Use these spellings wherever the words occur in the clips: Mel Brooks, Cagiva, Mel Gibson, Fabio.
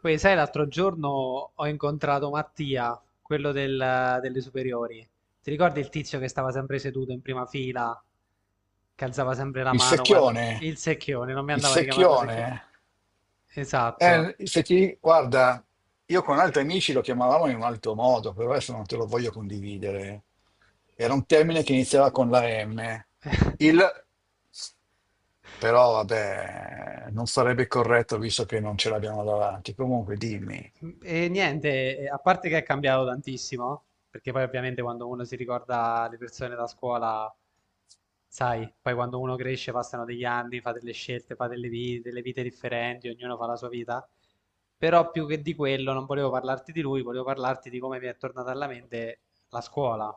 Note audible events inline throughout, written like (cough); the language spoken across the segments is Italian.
Poi sai, l'altro giorno ho incontrato Mattia, quello delle superiori. Ti ricordi il tizio che stava sempre seduto in prima fila, che alzava sempre la Il mano quando... secchione, Il secchione, non mi il andava di chiamarlo secchione. secchione, Esatto. Se ti, guarda, io con altri amici lo chiamavamo in un altro modo, però adesso non te lo voglio condividere. Era un termine che iniziava con la M. Il, Però vabbè, non sarebbe corretto visto che non ce l'abbiamo davanti. Comunque dimmi. E niente, a parte che è cambiato tantissimo, perché poi ovviamente quando uno si ricorda le persone da scuola. Sai, poi quando uno cresce passano degli anni, fa delle scelte, fa delle vite differenti, ognuno fa la sua vita. Però più che di quello non volevo parlarti di lui, volevo parlarti di come mi è tornata alla mente la scuola.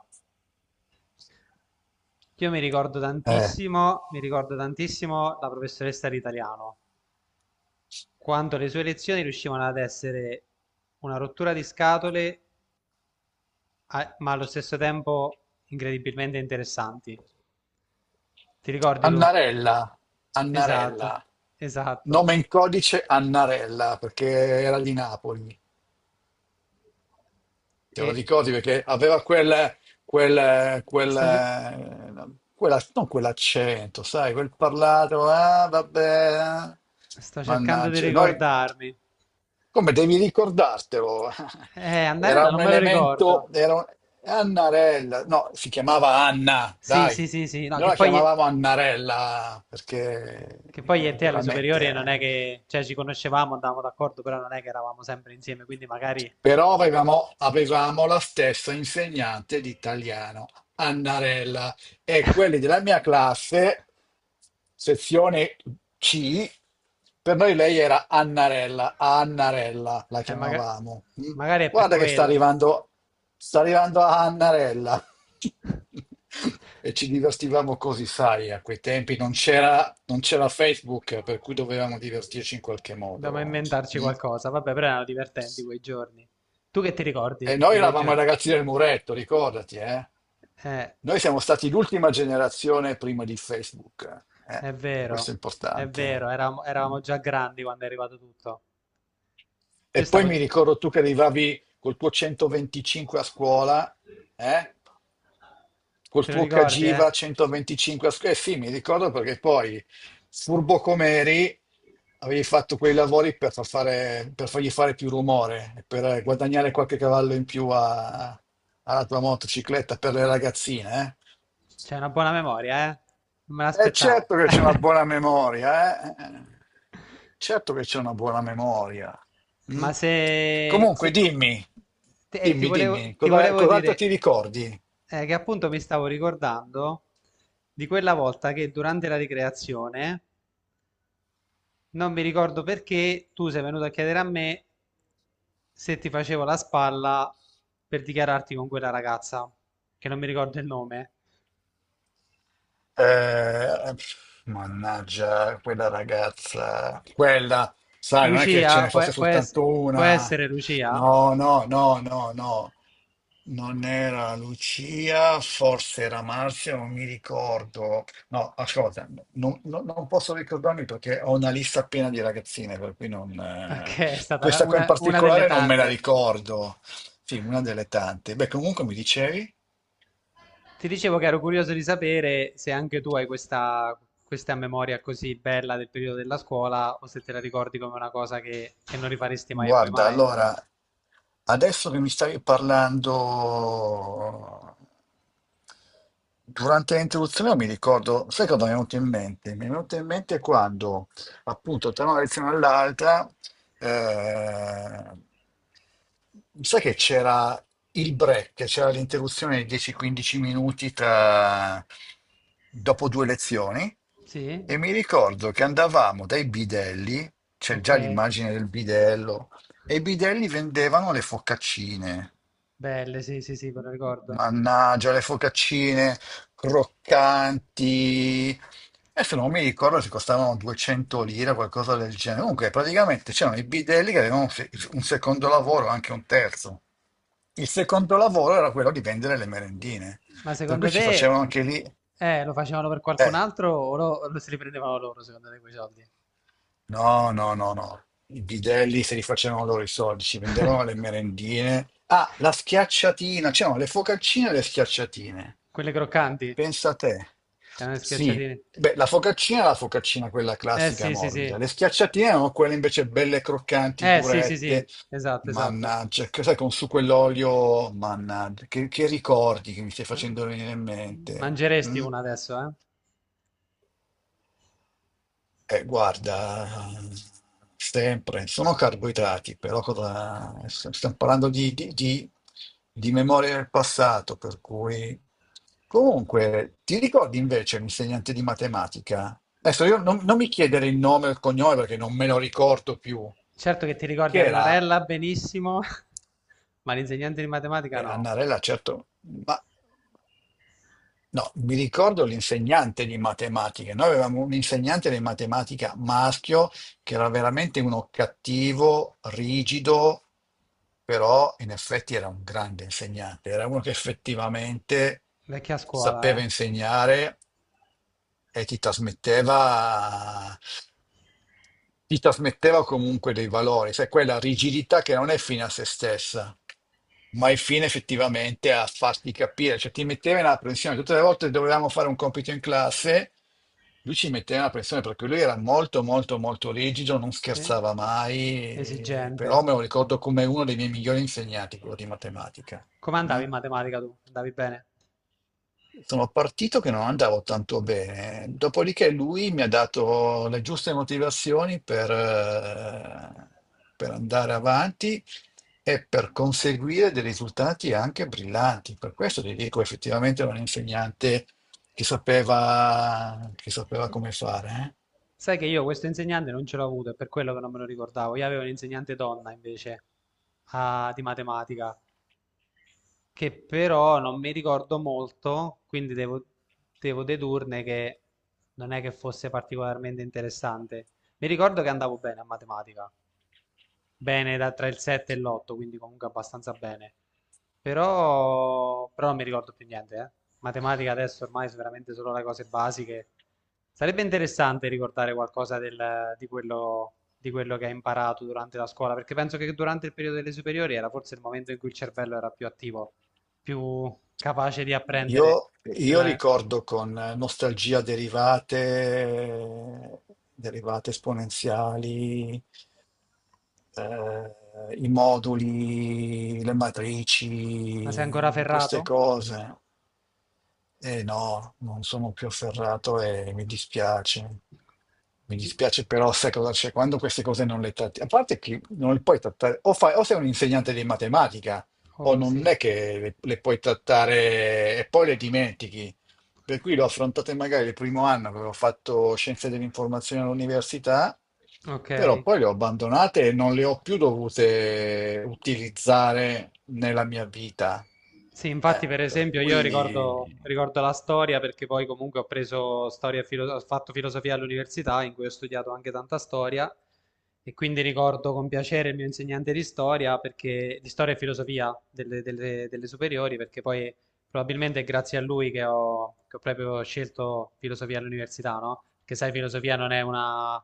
Io Eh, mi ricordo tantissimo la professoressa di italiano, quando le sue lezioni riuscivano ad essere una rottura di scatole, ma allo stesso tempo incredibilmente interessanti. Ti ricordi tu? Annarella, Esatto, Annarella, esatto. nome in codice Annarella, perché era di Napoli. Te lo E ricordi perché aveva Sto, ce- non quell'accento, sai, quel parlato, ah, vabbè, eh. sto cercando di Mannaggia, noi, ricordarmi. come devi ricordartelo. (laughs) Era Andarella un non me lo ricordo. elemento, Annarella, no, si chiamava Anna, Sì, dai. sì, sì, sì. No, Noi che la poi, chiamavamo Annarella perché Che poi io e te alle superiori non è chiaramente che... Cioè, ci conoscevamo, andavamo d'accordo, però non è che eravamo sempre insieme, quindi magari... però avevamo la stessa insegnante di italiano, Annarella, e quelli della mia classe, sezione C, per noi lei era Annarella, Annarella la eh, maga- chiamavamo. Mm. magari è per Guarda che quello. Sta arrivando Annarella. (laughs) E ci divertivamo così, sai, a quei tempi non c'era Facebook, per cui dovevamo divertirci in qualche Dobbiamo modo. inventarci Mm. qualcosa. Vabbè, però erano divertenti quei giorni. Tu che ti ricordi E noi di quei eravamo i giorni? ragazzi del muretto, ricordati, eh? Eh, Noi siamo stati l'ultima generazione prima di Facebook, eh? è E questo vero, è è importante. vero, eravamo, eravamo già grandi quando è arrivato tutto. Io E poi stavo... mi gi- ricordo tu che arrivavi col tuo 125 a scuola, eh? Col Te lo tuo ricordi, Cagiva eh? 125 a scuola. Eh sì, mi ricordo perché poi, furbo come eri, avevi fatto quei lavori per, per fargli fare più rumore, e per guadagnare qualche cavallo in più alla tua motocicletta per le ragazzine, eh? C'è una buona memoria, eh? Non me È l'aspettavo. certo (laughs) che c'è una buona memoria, eh? Certo che c'è una buona memoria. Mm? Ma se, Comunque, se- dimmi, dimmi, dimmi, ti volevo cos'altro dire ti ricordi? Che appunto mi stavo ricordando di quella volta che durante la ricreazione non mi ricordo perché tu sei venuto a chiedere a me se ti facevo la spalla per dichiararti con quella ragazza, che non mi ricordo il nome. Eh, mannaggia, quella ragazza, quella, sai, non è che ce Lucia, ne fosse può, può ess- soltanto può una. essere Lucia? No, no, no, no, no. Non era Lucia, forse era Marzia, non mi ricordo. No, ascolta, non posso ricordarmi perché ho una lista piena di ragazzine, per cui non... Ok, è stata Questa qua in una delle particolare non me la tante. ricordo. Sì, una delle tante. Beh, comunque mi dicevi? Ti dicevo che ero curioso di sapere se anche tu hai questa, questa memoria così bella del periodo della scuola o se te la ricordi come una cosa che non rifaresti mai e poi Guarda, mai. allora, adesso che mi stavi parlando, durante l'introduzione mi ricordo, sai cosa mi è venuto in mente? Mi è venuto in mente quando, appunto, tra una lezione all'altra, eh, Sai che c'era il break, c'era l'interruzione di 10-15 minuti tra... dopo due lezioni, e Sì? mi ricordo che andavamo dai bidelli, c'è Ok. già l'immagine del bidello, e i bidelli vendevano le focaccine. Belle, sì, sì, sì, me lo ricordo. Mannaggia, le focaccine croccanti. Adesso non mi ricordo se costavano 200 lire o qualcosa del genere. Comunque, praticamente c'erano i bidelli che avevano un se- un secondo lavoro, anche un terzo. Il secondo lavoro era quello di vendere le merendine. Ma Per secondo cui ci te facevano anche lì. Lo facevano per qualcun Eh, altro o lo se li prendevano loro, secondo te, quei soldi? No, no, no, no. I bidelli se li facevano loro i soldi, ci vendevano (laughs) le merendine. Ah, la schiacciatina, c'erano le focaccine e le schiacciatine. Quelle croccanti, Pensa a te. erano le Sì, schiacciatine. beh, la focaccina è la focaccina quella Eh classica sì, sì, morbida. sì. Le schiacciatine erano quelle invece belle croccanti, Eh sì, sì, sì. durette. Esatto, esatto. Mannaggia, che sai, con su quell'olio, mannaggia, che ricordi che mi stai facendo venire in mente? Mangeresti Mm? una adesso, eh? Guarda, sempre, sono carboidrati, però cosa, stiamo parlando di memoria del passato, per cui... Comunque, ti ricordi invece l'insegnante di matematica? Adesso io non mi chiedere il nome o il cognome perché non me lo ricordo più, Certo che ti ricordi che era Annarella benissimo, (laughs) ma l'insegnante di matematica no. Annarella, certo. No, mi ricordo l'insegnante di matematica. Noi avevamo un insegnante di matematica maschio che era veramente uno cattivo, rigido, però in effetti era un grande insegnante. Era uno che effettivamente Vecchia sapeva scuola, insegnare e ti trasmetteva comunque dei valori, sai, quella rigidità che non è fine a se stessa ma il fine effettivamente è a farti capire, cioè ti metteva in apprensione. Tutte le volte che dovevamo fare un compito in classe, lui ci metteva in apprensione perché lui era molto, molto, molto rigido, non eh? Scherzava mai, Esigente. però me lo ricordo come uno dei miei migliori insegnanti, quello di matematica. Come andavi Mm? in matematica tu? Andavi bene? Sono partito che non andavo tanto bene, dopodiché lui mi ha dato le giuste motivazioni per andare avanti e per conseguire dei risultati anche brillanti. Per questo ti dico, effettivamente era un insegnante che sapeva come fare. Sai che io questo insegnante non ce l'ho avuto, è per quello che non me lo ricordavo. Io avevo un'insegnante donna invece di matematica, che però non mi ricordo molto, quindi devo, devo dedurne che non è che fosse particolarmente interessante. Mi ricordo che andavo bene a matematica, bene da, tra il 7 e l'8, quindi comunque abbastanza bene. Però, però non mi ricordo più niente, eh. Matematica adesso ormai sono veramente solo le cose basiche. Sarebbe interessante ricordare qualcosa di quello che hai imparato durante la scuola, perché penso che durante il periodo delle superiori era forse il momento in cui il cervello era più attivo, più capace di eh. apprendere. Io, io della- ricordo con nostalgia derivate, derivate esponenziali, i moduli, le Ma sei matrici, ancora queste ferrato? cose. Eh no, non sono più afferrato e mi dispiace. Mi dispiace però, sai cosa c'è? Quando queste cose non le tratti, a parte che non le puoi trattare, o, o sei un insegnante di matematica, o Oh sì, non è che le puoi trattare e poi le dimentichi. Per cui l'ho affrontate magari il primo anno, avevo fatto scienze dell'informazione all'università, ok. però poi le ho abbandonate e non le ho più dovute utilizzare nella mia vita. Sì, infatti, per Per esempio, io ricordo, cui... ricordo la storia perché poi comunque ho preso storia e ho fatto filosofia all'università in cui ho studiato anche tanta storia e quindi ricordo con piacere il mio insegnante di storia perché, di storia e filosofia delle superiori perché poi probabilmente è grazie a lui che ho proprio scelto filosofia all'università, no? Perché sai, filosofia non è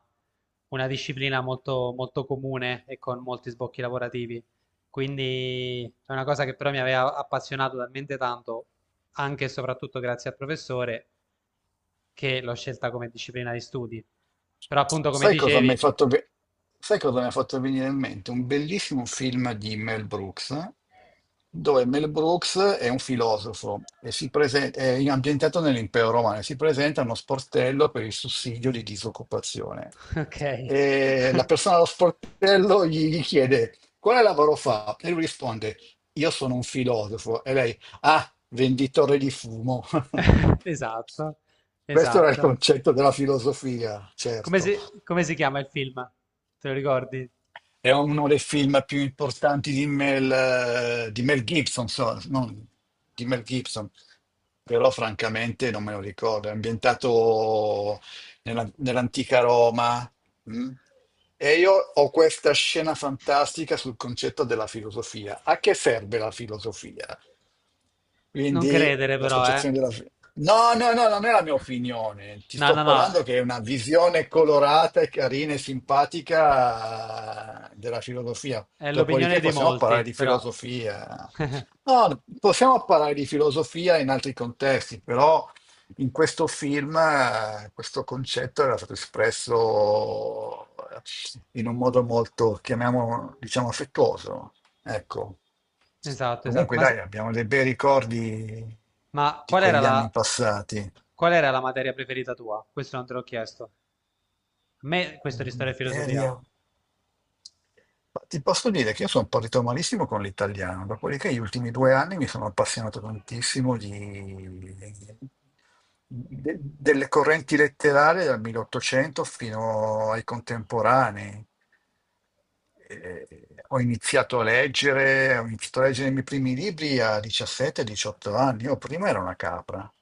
una disciplina molto, molto comune e con molti sbocchi lavorativi. Quindi è una cosa che però mi aveva appassionato talmente tanto, anche e soprattutto grazie al professore, che l'ho scelta come disciplina di studi. Però appunto come Sai cosa mi hai dicevi, fatto ve- sai cosa mi ha fatto venire in mente? Un bellissimo film di Mel Brooks, dove Mel Brooks è un filosofo e è ambientato nell'impero romano e si presenta a uno sportello per il sussidio di disoccupazione. (laughs) ok, E la persona allo sportello gli chiede quale lavoro fa. E lui risponde, io sono un filosofo. E lei, ah, venditore di fumo. (laughs) (laughs) esatto, Questo era il esatto. concetto della filosofia, Come certo. si, come si chiama il film? Te lo ricordi? È uno dei film più importanti di Mel Gibson, però francamente non me lo ricordo. È ambientato nell'antica Roma. Mm? E io ho questa scena fantastica sul concetto della filosofia. A che serve la filosofia? Non Quindi credere però, eh. l'associazione della, No, no, no, non è la mia opinione. Ti No, sto no, no, parlando che è una visione colorata e carina e simpatica della filosofia. è l'opinione Dopodiché di possiamo parlare molti, di però. filosofia. No, possiamo parlare di filosofia in altri contesti, però in questo film questo concetto era stato espresso eh, in un modo molto, chiamiamolo, diciamo, affettuoso. Ecco. Esatto, esatto. Comunque, dai, abbiamo dei bei ricordi Ma di quegli anni passati. qual era la materia preferita tua? Questo non te l'ho chiesto. A me questo di Nella storia e filosofia. materia. Ma ti posso dire che io sono partito malissimo con l'italiano, dopodiché gli ultimi 2 anni mi sono appassionato tantissimo di, delle correnti letterarie dal 1800 fino ai contemporanei. Eh, ho iniziato a leggere i miei primi libri a 17-18 anni. Io prima ero una capra.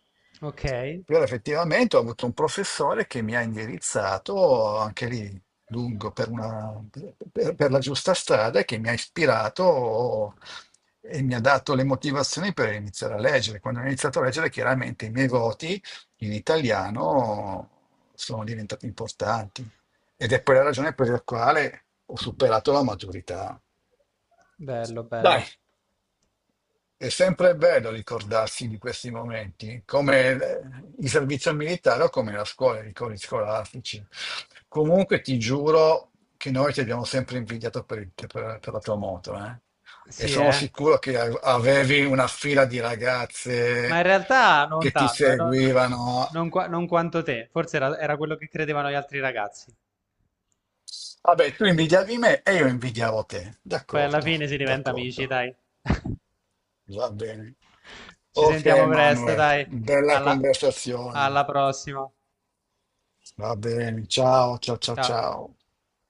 Ok, Però effettivamente ho avuto un professore che mi ha indirizzato anche lì lungo per, per la giusta strada e che mi ha ispirato e mi ha dato le motivazioni per iniziare a leggere. Quando ho iniziato a leggere, chiaramente i miei voti in italiano sono diventati importanti. Ed è poi la ragione per la quale ho superato la maturità. bello, bello. Dai, è sempre bello ricordarsi di questi momenti, come il servizio militare o come la scuola, i ricordi scolastici. Comunque ti giuro che noi ti abbiamo sempre invidiato per, per la tua moto, eh? E Sì, sono eh. sicuro che avevi una fila di Ma ragazze in realtà non che ti tanto, non, seguivano. Non quanto te. Forse era, era quello che credevano gli altri ragazzi. Vabbè, tu invidiavi me e io invidiavo te. Poi alla D'accordo, fine si diventa amici, d'accordo. dai. Va bene. Ci Ok, sentiamo presto, Manuel, dai. bella Alla alla conversazione. prossima. Va bene, ciao, ciao, ciao, Ciao. ciao.